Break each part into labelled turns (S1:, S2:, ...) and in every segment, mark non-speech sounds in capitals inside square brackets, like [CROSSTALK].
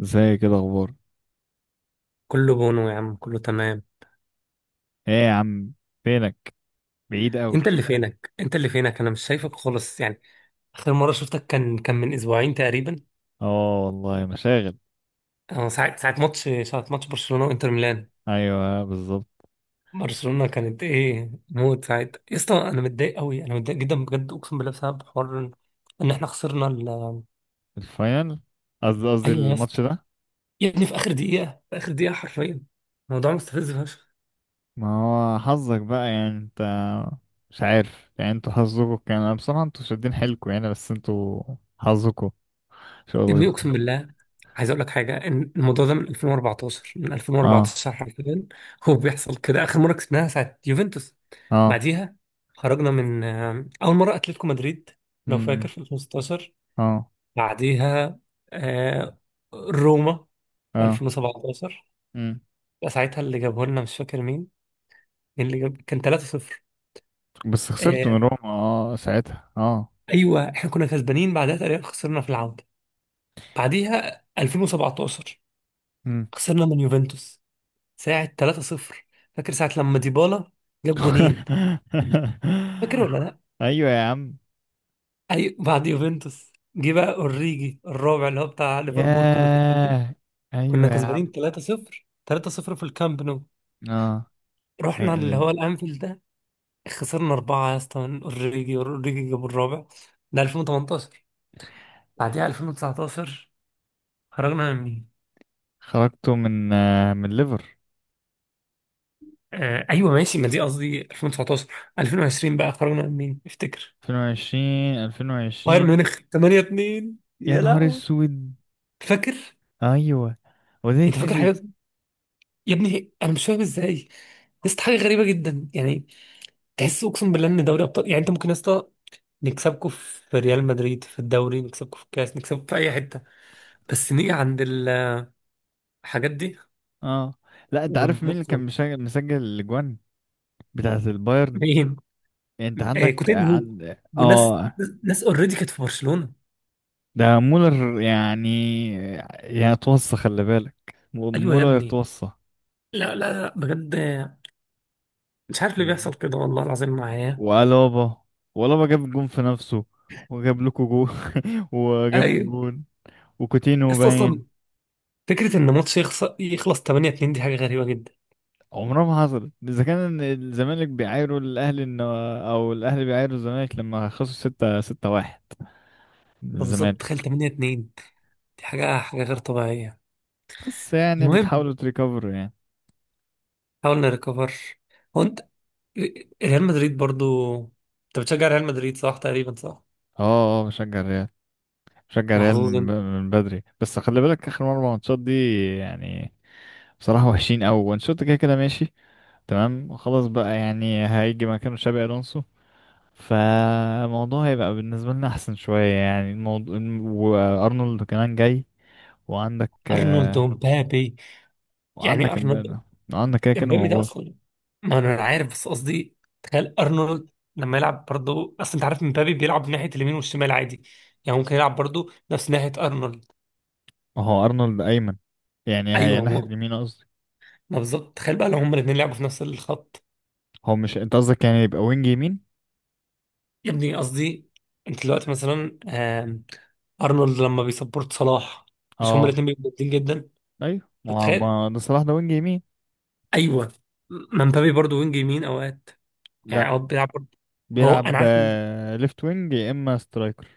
S1: ازاي كده اخبار؟
S2: كله بونو يا عم، كله تمام.
S1: ايه يا عم، فينك؟ بعيد قوي.
S2: انت اللي فينك، انت اللي فينك، انا مش شايفك خالص يعني. اخر مره شفتك كان من اسبوعين تقريبا.
S1: اه والله مشاغل.
S2: اه، ساعه ماتش برشلونه وانتر ميلان.
S1: ايوه بالظبط.
S2: برشلونه كانت ايه موت ساعتها يا اسطى، انا متضايق قوي، انا متضايق جدا بجد، اقسم بالله، بسبب حوار إن احنا خسرنا
S1: الفاينل. قصدي
S2: ايوه يا
S1: الماتش
S2: اسطى.
S1: ده.
S2: يا ابني، في اخر دقيقه، في اخر دقيقه حرفيا. الموضوع مستفز فشخ.
S1: ما هو حظك بقى يعني انت، مش عارف يعني انتوا حظكوا كان، أنا بصراحة انتوا شادين حيلكوا يعني، بس انتوا حظكوا شغل غير
S2: ابني
S1: كده.
S2: اقسم بالله، عايز اقول لك حاجه ان الموضوع ده من 2014، من
S1: اه.
S2: 2014 حرفيا. [LAUGHS] هو بيحصل كده. اخر مره كسبناها ساعه يوفنتوس.
S1: اه.
S2: بعديها خرجنا من اول مره اتلتيكو مدريد، لو فاكر
S1: امم
S2: في 2016.
S1: اه.
S2: بعديها آه، روما في
S1: اه.
S2: 2017.
S1: امم
S2: ده ساعتها اللي جابه لنا، مش فاكر مين. مين اللي جاب، كان 3-0.
S1: بس خسرت من
S2: آه،
S1: روما. اه ساعتها. اه
S2: ايوه احنا كنا كسبانين بعدها، تقريبا خسرنا في العوده. بعديها 2017
S1: امم
S2: خسرنا من يوفنتوس ساعة 3-0. فاكر ساعة لما ديبالا جاب جونين؟ فاكر
S1: [LAUGHS]
S2: ولا لا؟
S1: ايوه يا عم.
S2: أي، بعد يوفنتوس جه بقى أوريجي الرابع، اللي هو بتاع ليفربول. كنا كسبانين،
S1: ياه،
S2: كنا
S1: ايوه يا عم.
S2: كسبانين 3-0، 3-0 في الكامب نو.
S1: اه
S2: رحنا اللي هو الأنفيلد ده، خسرنا أربعة يا اسطى من أوريجي، أوريجي جاب الرابع. ده 2018. بعديها 2019 خرجنا من مين؟
S1: خرجته من من ليفر.
S2: آه أيوه ماشي، ما دي قصدي 2019. 2020 بقى خرجنا من مين؟ افتكر
S1: 2020.
S2: بايرن
S1: 2020.
S2: ميونخ 8-2
S1: يا
S2: يا
S1: نهار
S2: لهوي.
S1: اسود.
S2: فاكر؟
S1: ايوه. وده
S2: انت فاكر
S1: يتنسي؟
S2: حاجات. يا ابني انا مش فاهم ازاي. لسه حاجه غريبه جدا يعني. تحس اقسم بالله ان دوري ابطال، يعني انت ممكن يا اسطى نكسبكم في ريال مدريد في الدوري، نكسبكم في الكاس، نكسبكم في اي حته، بس نيجي عند الحاجات دي
S1: اه. لا انت عارف مين اللي كان
S2: وبنوصل.
S1: مسجل الاجوان بتاعت البايرن؟
S2: مين؟
S1: يعني انت
S2: آه
S1: عندك
S2: كوتينيو
S1: عند
S2: وناس، ناس اوريدي كانت في برشلونه.
S1: ده مولر يعني، يعني اتوصى خلي بالك.
S2: ايوه يا
S1: مولر
S2: ابني.
S1: اتوصى.
S2: لا لا لا بجد، مش عارف ليه
S1: يعني
S2: بيحصل كده والله العظيم معايا.
S1: وألابا، وألابا جاب جون في نفسه، وجاب لكم جون. [LAUGHS] وجاب
S2: ايوه.
S1: جون. وكوتينو
S2: بس اصلا
S1: باين.
S2: فكره ان ماتش يخسر يخلص 8 2 دي حاجه غريبه جدا.
S1: عمرها ما حصلت، اذا كان الزمالك بيعايروا الاهلي انه، او الاهلي بيعايروا الزمالك لما خسروا ستة ستة واحد من
S2: طب بالظبط، تخيل
S1: الزمالك.
S2: 8 2 دي حاجة، حاجة غير طبيعية.
S1: بس يعني
S2: المهم،
S1: بتحاولوا تريكفروا يعني.
S2: حاولنا نريكفر. هو انت ريال مدريد برضو، انت بتشجع ريال مدريد صح؟ تقريبا صح.
S1: اه. اه بشجع الريال. بشجع الريال
S2: محظوظ
S1: من
S2: انت.
S1: من بدري، بس خلي بالك اخر مرة ماتشات دي يعني بصراحة وحشين قوي، وانشوت كده كده ماشي. تمام خلاص بقى، يعني هيجي مكانه شابي الونسو، فالموضوع هيبقى بالنسبة لنا احسن شوية يعني الموضوع. وارنولد كمان جاي. وعندك،
S2: ارنولد ومبابي. يعني
S1: وعنك
S2: ارنولد،
S1: امبارح، عنك كده كده
S2: امبابي ده
S1: موجود.
S2: اصلا، ما انا عارف، بس قصدي تخيل ارنولد لما يلعب برضو. اصل انت عارف مبابي بيلعب ناحية اليمين والشمال عادي، يعني ممكن يلعب برضو نفس ناحية ارنولد.
S1: اهو ارنولد ايمن، يعني هي
S2: ايوه،
S1: ناحية
S2: ما
S1: اليمين قصدي.
S2: ما بالظبط، تخيل بقى لو هما الاثنين لعبوا في نفس الخط.
S1: هو مش انت قصدك يعني يبقى وينج يمين؟
S2: يا ابني قصدي انت دلوقتي مثلا ارنولد لما بيسبورت صلاح، مش هما
S1: اه.
S2: الاثنين بيبقوا جامدين جدا؟
S1: ايوه، ما هو
S2: فتخيل.
S1: ما ده صلاح ده وينج يمين.
S2: ايوه، ما مبابي برضه وينج يمين اوقات يعني،
S1: لا،
S2: اوقات بيلعب برضه. هو انا
S1: بيلعب
S2: عارف إن
S1: ليفت وينج يا اما سترايكر.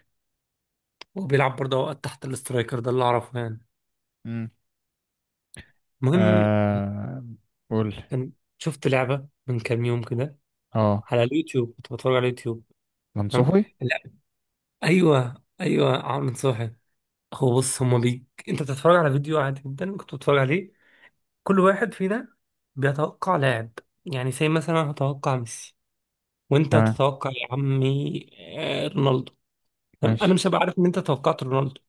S2: هو بيلعب برضه اوقات تحت الاسترايكر، ده اللي اعرفه يعني.
S1: امم
S2: المهم،
S1: آه، قول.
S2: كان شفت لعبه من كام يوم كده
S1: اه
S2: على اليوتيوب، كنت بتفرج على اليوتيوب. تمام.
S1: منصوحي.
S2: لا. ايوه ايوه عامل صاحي. هو بص هما بي، انت بتتفرج على فيديو عادي جدا كنت بتتفرج عليه. كل واحد فينا بيتوقع لاعب، يعني زي مثلا أنا هتوقع ميسي، وانت
S1: تمام.
S2: هتتوقع يا عمي رونالدو. تمام؟ انا
S1: ماشي.
S2: مش هبقى عارف ان انت توقعت رونالدو،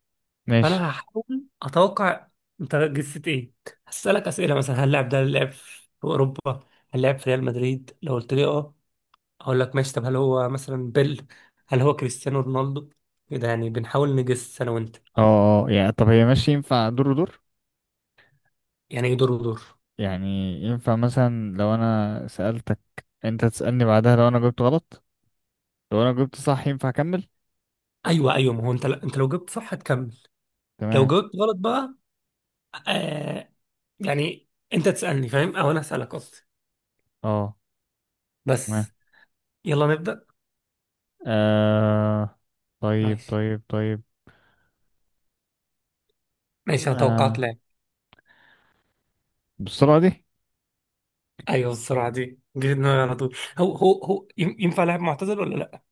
S1: ماشي.
S2: فانا هحاول اتوقع انت جسيت ايه. هسألك اسئله مثلا، هل اللاعب ده لعب في اوروبا؟ هل لعب في ريال مدريد؟ لو قلت لي اه، اقول لك ماشي. طب هل هو مثلا بيل؟ هل هو كريستيانو رونالدو؟ كده يعني، بنحاول نجس انا وانت.
S1: اه. اه يعني، طب هي ماشي، ينفع دور ودور؟
S2: يعني ايه دور ودور؟
S1: يعني ينفع مثلا لو انا سألتك، انت تسألني بعدها؟ لو انا جبت غلط، لو انا جبت صح ينفع اكمل؟
S2: ايوه ايوه، ما هو انت، انت لو جبت صح هتكمل. لو
S1: تمام.
S2: جاوبت غلط بقى، آه، يعني انت تسألني فاهم، او انا أسألك قصدي.
S1: اه. تمام.
S2: بس يلا نبدأ.
S1: آه طيب
S2: ماشي.
S1: طيب طيب.
S2: ماشي انا توقعت
S1: آه
S2: لاعب.
S1: بالسرعة دي؟
S2: ايوه السرعة دي، جه في دماغي على طول. هو ينفع لاعب معتزل ولا لا؟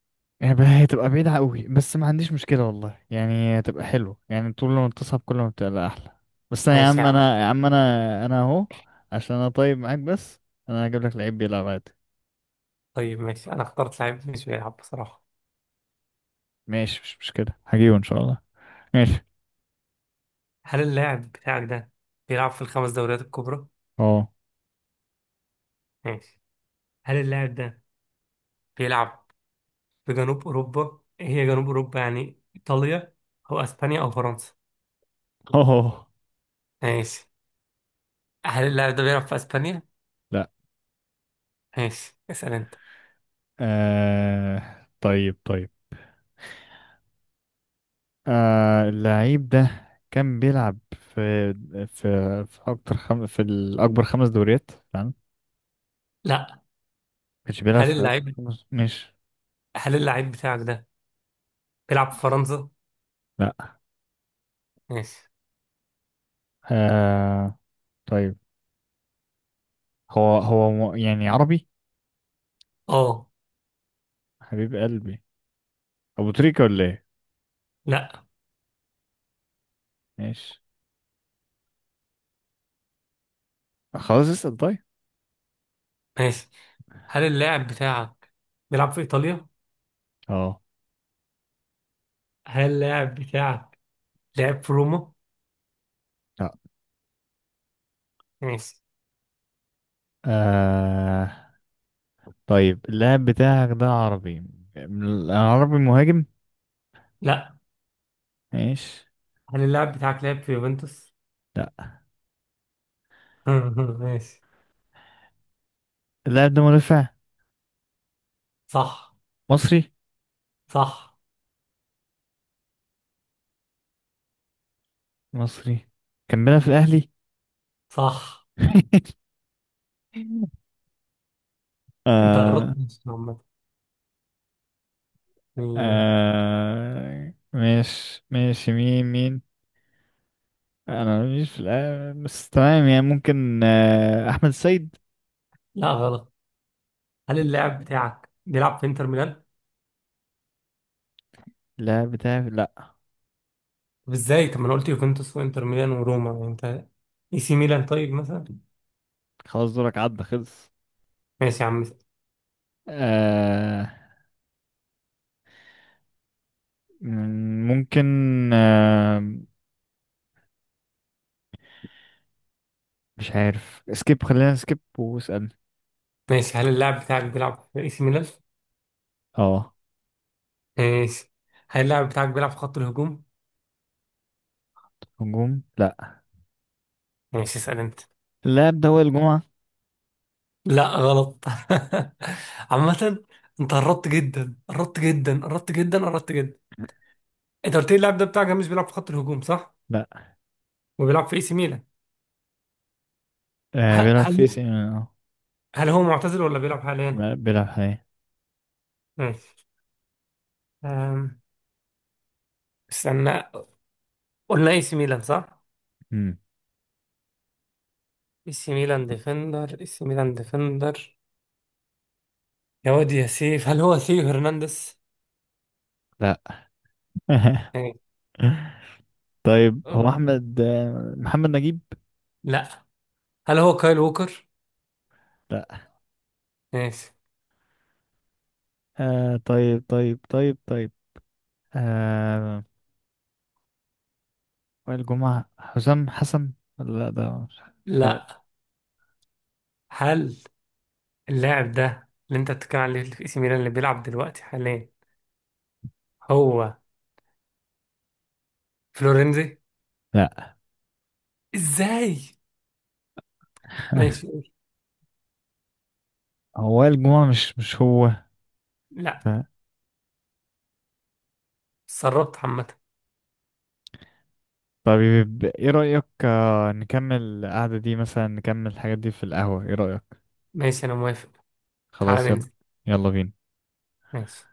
S1: يبقى هتبقى بعيدة قوي، بس ما عنديش مشكلة والله، يعني هتبقى حلوة، يعني طول ما بتصعب كل ما بتبقى أحلى. بس أنا يا
S2: ماشي
S1: عم
S2: يا عم.
S1: أنا يا عم أنا أنا أهو، عشان أنا طيب معاك بس. أنا هجيب لك لعيب بيلعب عادي.
S2: طيب ماشي، انا اخترت لاعب مش بيلعب بصراحة.
S1: ماشي، مش مشكلة، هجيبه إن شاء الله. ماشي.
S2: هل اللاعب بتاعك ده بيلعب في الخمس دوريات الكبرى؟
S1: أه.
S2: ماشي. هل اللاعب ده بيلعب في جنوب اوروبا؟ إيه هي جنوب اوروبا؟ يعني ايطاليا او اسبانيا او فرنسا.
S1: أه. [LAUGHS]
S2: ماشي. هل اللاعب ده بيلعب في اسبانيا؟
S1: لا.
S2: ماشي، اسأل انت.
S1: طيب طيب. آه، اللعيب ده كان بيلعب في، في في في الاكبر خمس دوريات تمام؟ ما
S2: لا.
S1: كانش بيلعب
S2: هل
S1: في اكبر
S2: اللاعب
S1: خمس مش؟
S2: هل اللاعب بتاعك ده بيلعب في فرنسا؟
S1: لا.
S2: ماشي.
S1: آه طيب. يعني عربي؟
S2: اه،
S1: حبيب قلبي، ابو تريكة ولا ايه؟
S2: لا.
S1: ماشي، خلاص اسال طيب.
S2: ماشي. هل اللاعب بتاعك بيلعب في ايطاليا؟
S1: اه.
S2: هل اللاعب بتاعك لعب في روما؟
S1: لا.
S2: ماشي.
S1: آه طيب، اللاعب بتاعك ده عربي، عربي مهاجم؟
S2: لا.
S1: ماشي.
S2: هل اللاعب بتاعك لعب في يوفنتوس؟
S1: لا.
S2: [LAUGHS] ماشي.
S1: اللاعب ده مدافع.
S2: صح.
S1: مصري.
S2: صح.
S1: مصري. كان بيلعب في الاهلي.
S2: صح.
S1: [LAUGHS]
S2: انت
S1: آه.
S2: قربت ماشي عامة. مم.
S1: ماشي ماشي. مين؟ انا مش في بس تمام، يعني ممكن احمد السيد.
S2: لا غلط. هل
S1: ماشي.
S2: اللاعب بتاعك بيلعب في انتر ميلان؟
S1: لا، بتاع لا.
S2: طب ازاي؟ طب ما انا قلت يوفنتوس وانتر ميلان وروما يعني انت. اي سي ميلان طيب مثلا؟
S1: خلاص، دورك عدى خلص.
S2: ماشي يا عم.
S1: آه ممكن، آه مش عارف سكيب، خلينا سكيب واسأل.
S2: ماشي. هل اللاعب بتاعك بيلعب في اي سي ميلان؟
S1: اه.
S2: ماشي. هل اللاعب بتاعك بيلعب في خط الهجوم؟
S1: هجوم لا.
S2: ماشي، اسأل انت.
S1: اللاعب ده وائل الجمعة.
S2: لا غلط. [LAUGHS] عامة انت قربت جدا، قربت جدا، قربت جدا، قربت جدا. انت قلت لي اللاعب ده بتاعك مش بيلعب في خط الهجوم صح؟
S1: لا.
S2: وبيلعب في اي سي ميلان.
S1: آه
S2: ه-
S1: بيلعب في سي
S2: هل
S1: اه.
S2: هل هو معتزل ولا بيلعب حاليا؟
S1: لا، بيلعب حاليا.
S2: ماشي. أم، استنى، قلنا اي سي ميلان صح؟
S1: مم،
S2: اي سي ميلان ديفندر، اي سي ميلان ديفندر، يا واد يا سيف، هل هو ثيو هرنانديز؟
S1: لا. [LAUGHS]
S2: ماشي.
S1: طيب هو احمد محمد نجيب.
S2: لا. هل هو كايل ووكر؟
S1: لا.
S2: ماشي.
S1: طيب طيب طيب طيب. آه، وائل جمعة، حسام حسن، ولا لا ده مش. آه،
S2: لا. هل اللاعب ده اللي انت بتتكلم عليه، اللي في اي سي ميلان، اللي بيلعب دلوقتي حاليا، هو فلورنزي؟
S1: لا.
S2: ازاي؟ ماشي
S1: [LAUGHS]
S2: قول.
S1: هو وائل جمعة، مش هو.
S2: لا.
S1: ف-
S2: اتسربت عامة.
S1: طيب ايه رأيك نكمل القعدة دي، مثلا نكمل الحاجات دي في القهوة، ايه رأيك؟
S2: ماشي انا موافق.
S1: خلاص
S2: تعالى
S1: يلا.
S2: ننزل.
S1: يلا بينا.
S2: ماشي.